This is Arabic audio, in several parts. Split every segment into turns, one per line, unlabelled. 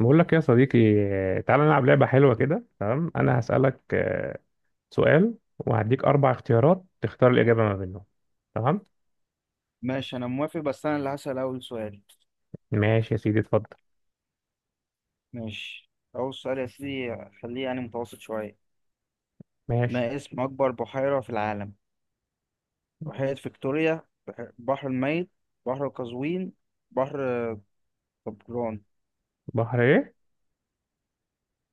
بقول لك يا صديقي، تعالى نلعب لعبة حلوة كده. تمام، أنا هسألك سؤال وهديك أربع اختيارات تختار الإجابة ما بينهم. تمام.
ماشي، انا موافق، بس انا اللي هسأل اول سؤال.
ماشي يا سيدي، اتفضل.
ماشي، اول سؤال يا سيدي، خليه يعني متوسط شوية.
ماشي.
ما اسم اكبر بحيرة في العالم؟ بحيرة فيكتوريا، بحر الميت، بحر قزوين، بحر طبران.
بحر إيه؟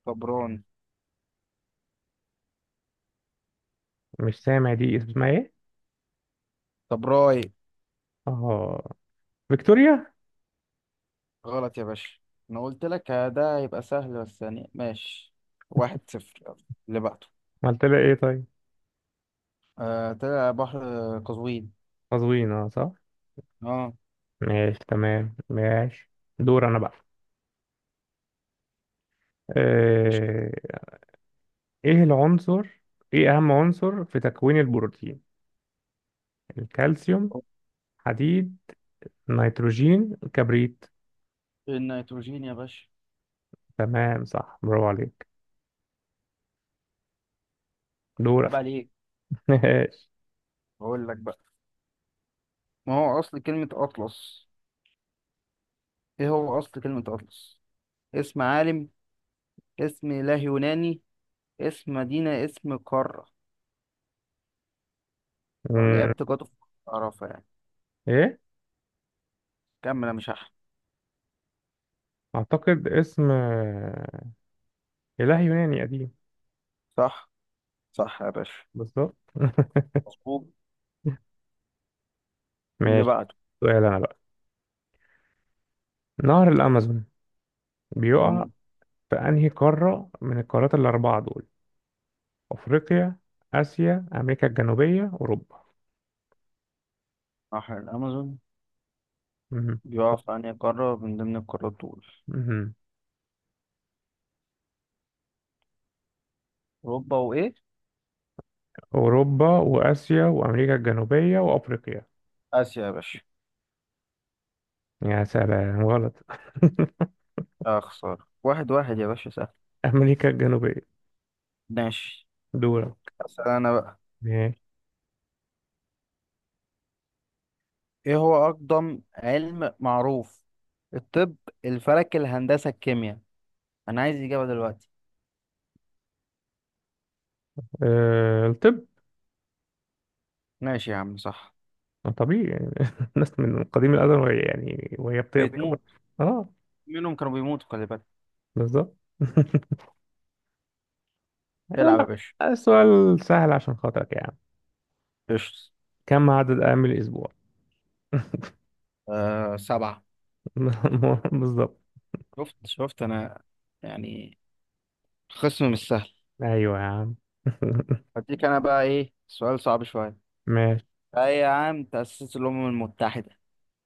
طبران.
مش سامع، دي اسمها إيه؟
طبراي.
آه، فيكتوريا.
غلط يا باشا. انا قلت لك ده هيبقى سهل، بس يعني ماشي. واحد صفر، يلا اللي بعده.
قلت لها إيه طيب؟
آه، طلع بحر قزوين.
قزوين، أه صح.
اه.
ماشي تمام، ماشي. دور أنا بقى.
مش
آه، إيه العنصر؟ إيه أهم عنصر في تكوين البروتين؟ الكالسيوم، حديد، نيتروجين، كبريت.
النيتروجين يا باشا.
تمام، صح، برافو عليك. دورك.
عيب عليك.
ماشي.
بقول لك بقى، ما هو اصل كلمة اطلس؟ ايه هو اصل كلمة اطلس؟ اسم عالم، اسم اله يوناني، اسم مدينة، اسم قارة؟ او
أمم،
لعبت جاتو في، اعرفها يعني.
ايه.
كمل يا مش احمد.
اعتقد اسم اله يوناني قديم.
صح، صح يا باشا.
بالظبط.
مظبوط. اللي
ماشي.
بعده.
سؤال انا بقى. نهر الامازون بيقع
مم.
في انهي قارة من القارات الاربعة دول؟ افريقيا، اسيا، امريكا الجنوبية، اوروبا.
نهر الامازون
أمم،
بيقع في انهي قارة من ضمن القارات دول؟
أمم.
اوروبا وايه؟
اوروبا واسيا وامريكا الجنوبية وافريقيا.
آسيا يا باشا.
يا سلام، غلط.
اه خسارة، واحد واحد يا باشا. سهل.
امريكا الجنوبية.
ماشي،
دورك.
أسأل أنا بقى.
ماشي.
ايه هو اقدم علم معروف؟ الطب، الفلك، الهندسة، الكيمياء. انا عايز اجابة دلوقتي.
الطب.
ماشي يا عم، صح.
طبيعي يعني. الناس من قديم الأزل وهي يعني وهي بتكبر.
بتموت.
اه،
منهم كانوا بيموتوا، خلي بالك.
بالظبط. أقول
العب يا
لك،
باشا.
السؤال سهل عشان خاطرك يا عم.
قشطة.
كم عدد أيام الأسبوع؟
آه، سبعة.
بالظبط.
شفت، شفت انا يعني. خصم مش سهل.
أيوه يا عم.
هديك أنا بقى إيه سؤال صعب شوية.
ماشي.
أي عام تأسست الأمم المتحدة؟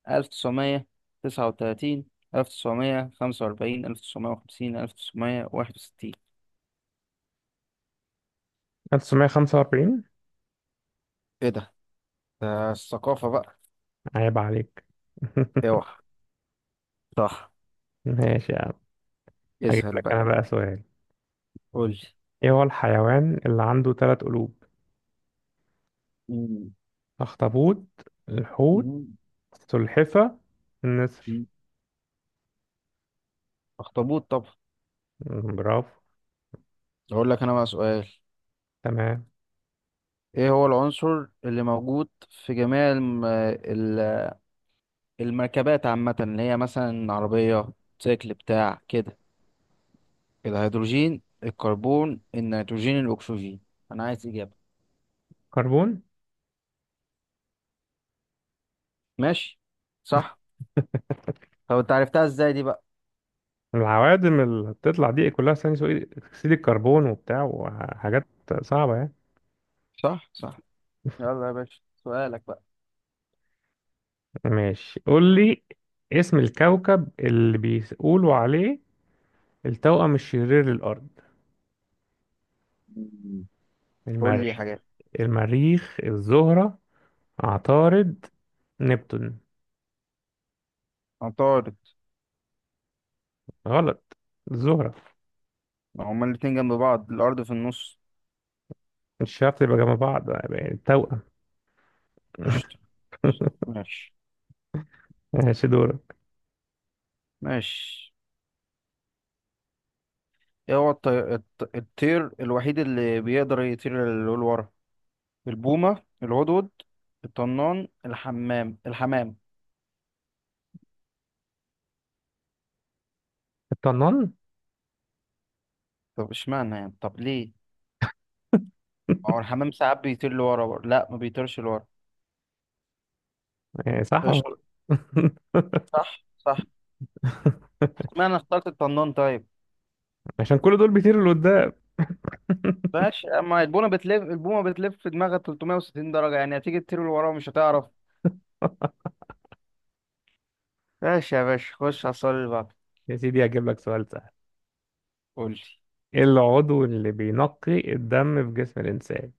1939، 1945، 1950، 1961.
1945.
إيه ده؟ ده الثقافة بقى.
عيب عليك.
أوعى. صح.
ماشي يا عم. هجيب
اسهل
لك أنا
بقى.
بقى سؤال.
قول لي.
إيه هو الحيوان اللي عنده ثلاث قلوب؟
مم.
أخطبوط، الحوت،
مم.
السلحفة، النسر.
مم. أخطبوط طبعا.
برافو.
أقول لك أنا بقى سؤال.
تمام.
ايه هو العنصر اللي موجود في جميع المركبات عامة، اللي هي مثلا عربية، سيكل، بتاع كده؟ الهيدروجين، الكربون، النيتروجين، الأكسجين. أنا عايز إجابة.
كربون.
ماشي. صح. طب أنت عرفتها إزاي دي بقى؟
العوادم اللي بتطلع دي كلها ثاني اكسيد الكربون وبتاع وحاجات صعبة يعني.
صح، صح. يلا يا باشا سؤالك بقى.
ماشي قول لي، اسم الكوكب اللي بيقولوا عليه التوأم الشرير للأرض؟
مم. قول لي
المريخ
حاجات.
المريخ، الزهرة، عطارد، نبتون.
عطارد.
غلط، الزهرة.
ما هما الاتنين جنب بعض الأرض في النص.
مش شرط يبقى جنب بعض يعني التوأم.
قشطة. ماشي.
ماشي، دورك.
ماشي. ايه هو الطير الوحيد اللي بيقدر يطير للورا؟ البومة، العضد، الطنان، الحمام.
الطنان.
طب اشمعنى يعني؟ طب ليه؟ ما هو الحمام ساعات بيطير لورا برضه. لا، ما بيطيرش لورا.
يعني صح ولا
قشطة.
غلط؟
صح، صح. اشمعنى اخترت الطنان طيب.
عشان كل دول بيطيروا لقدام.
ماشي، اما البومة بتلف في دماغها 360 درجة يعني، هتيجي تطير لورا ومش هتعرف. ماشي يا باشا، خش على السؤال اللي بعده.
يا سيدي هجيب لك سؤال سهل.
قول لي.
ايه العضو اللي بينقي الدم في جسم الإنسان؟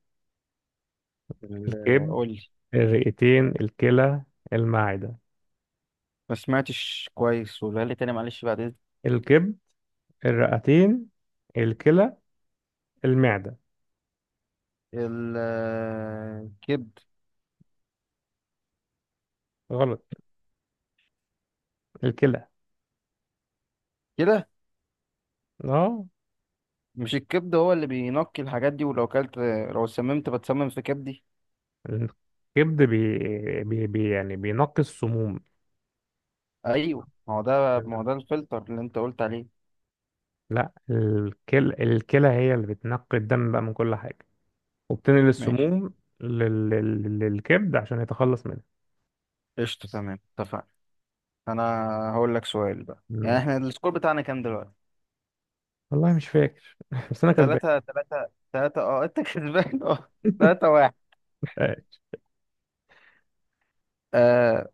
الكبد،
قول لي.
الرئتين، الكلى، المعدة.
ما سمعتش كويس، ولا لي تاني معلش بعد اذنك.
الكبد، الرئتين، الكلى، المعدة.
الكبد.
غلط، الكلى.
كده.
اه،
مش الكبد هو اللي بينقي الحاجات دي؟ ولو كلت، لو سممت بتسمم في كبدي.
الكبد بي يعني بينقي السموم.
ايوه، ما هو ده الفلتر اللي انت قلت عليه.
لا الكلى، الكلى هي اللي بتنقي الدم بقى من كل حاجة وبتنقل
ماشي.
السموم للكبد عشان يتخلص منها.
قشطة، تمام، اتفقنا. انا هقول لك سؤال بقى. يعني
ماشي.
احنا السكور بتاعنا كام دلوقتي؟
والله مش فاكر. بس انا كسبان.
ثلاثة ثلاثة، ثلاثة اه، انت كسبان. اه. ثلاثة واحد. آه.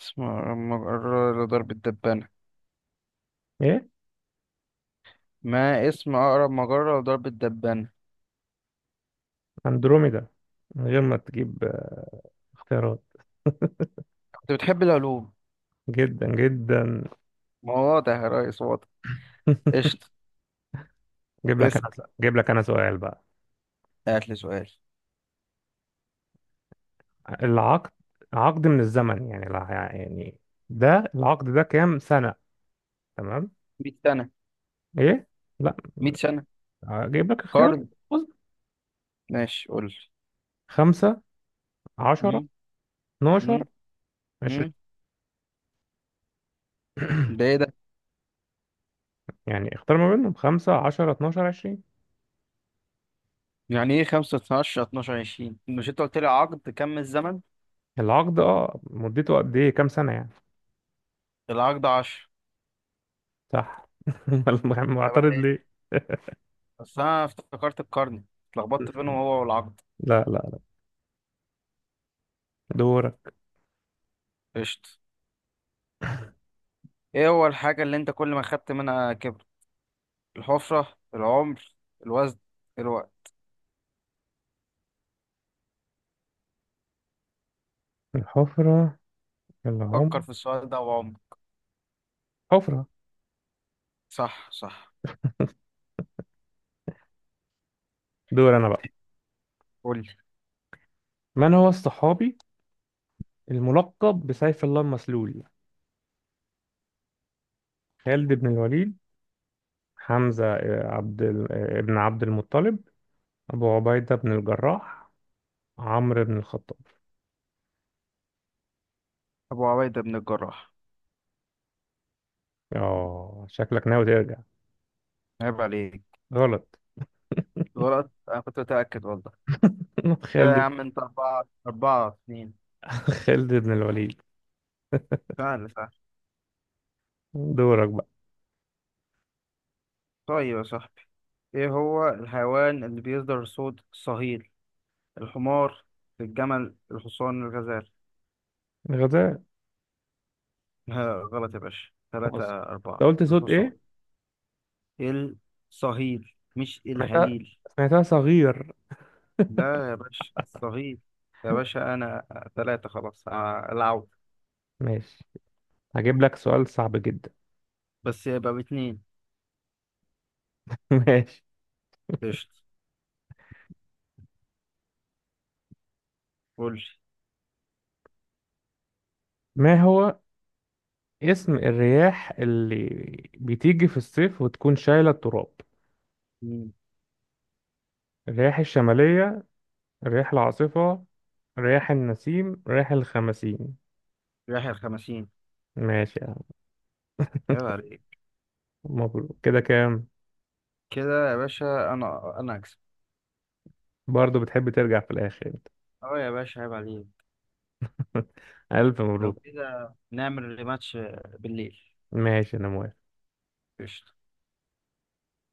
اسم أقرب مجرة لضرب الدبانة؟
ايه.
ما اسم أقرب مجرة لضرب الدبانة؟
اندروميدا. من غير ما تجيب اختيارات.
كنت بتحب العلوم.
جدا جدا.
ما هو واضح يا ريس، واضح. قشطة.
جيب لك
اسأل.
انا جيب لك انا سؤال بقى.
هات لي سؤال.
العقد، عقد من الزمن يعني يعني، ده العقد ده كام سنة؟ تمام.
100 سنة.
ايه؟ لا،
100 سنة.
اجيب لك اختيارات.
قرن.
بص،
ماشي قول لي.
خمسة، عشرة،
مم،
اتناشر،
مم،
عشرين.
مم. ده ايه ده؟
يعني اختار ما بينهم، خمسة، عشرة، اتناشر، عشرين.
يعني ايه 5 12 12 20؟ مش انت قلت لي عقد كم الزمن؟
العقد اه مدته قد ايه، كام سنة يعني.
العقد 10.
صح. أمال
طب
معترض
عليك.
ليه؟
بس انا افتكرت القرن، اتلخبطت بينه هو والعقد.
لا لا. دورك.
قشط. ايه هو الحاجة اللي انت كل ما خدت منها كبر؟ الحفرة، العمر، الوزن، الوقت.
الحفرة، العمر.
فكر في السؤال ده وعمر.
حفرة.
صح، صح.
دور أنا بقى.
قول لي.
من هو الصحابي الملقب بسيف الله المسلول؟ خالد بن الوليد، حمزة عبد ال- آه، ابن عبد المطلب، أبو عبيدة بن الجراح، عمرو بن الخطاب.
ابو عبيدة بن الجراح.
آه شكلك ناوي ترجع.
عيب عليك.
غلط.
غلط. انا كنت متأكد والله. كده يا
خالد،
عم انت، أربعة أربعة اتنين.
خالد بن الوليد.
سهل، سهل.
دورك بقى.
طيب يا صاحبي، ايه هو الحيوان اللي بيصدر صوت صهيل؟ الحمار، الجمل، الحصان، الغزال.
غزال.
ها، غلط يا باشا. ثلاثة
بص، أنت
أربعة.
قلت صوت
الحصان.
إيه؟
الصهيل مش
سمعتها،
الهليل.
سمعتها صغير.
لا يا باشا الصهيل. يا باشا أنا. ثلاثة خلاص، العود.
ماشي، هجيب لك سؤال صعب جدا.
بس يبقى باتنين.
ماشي.
قشطة. قول لي.
ما هو اسم الرياح اللي بتيجي في الصيف وتكون شايلة التراب؟
مين؟
الرياح الشمالية، الرياح العاصفة، رياح النسيم، رياح الخمسين.
يحيى الخمسين.
ماشي يا عم.
عيب عليك.
مبروك، كده كام؟
كده يا باشا، أنا أكسب.
برضه بتحب ترجع في الآخر انت.
أه يا باشا عيب عليك.
ألف
لو
مبروك.
كده نعمل ريماتش بالليل.
ماشي أنا موافق.
قشطة.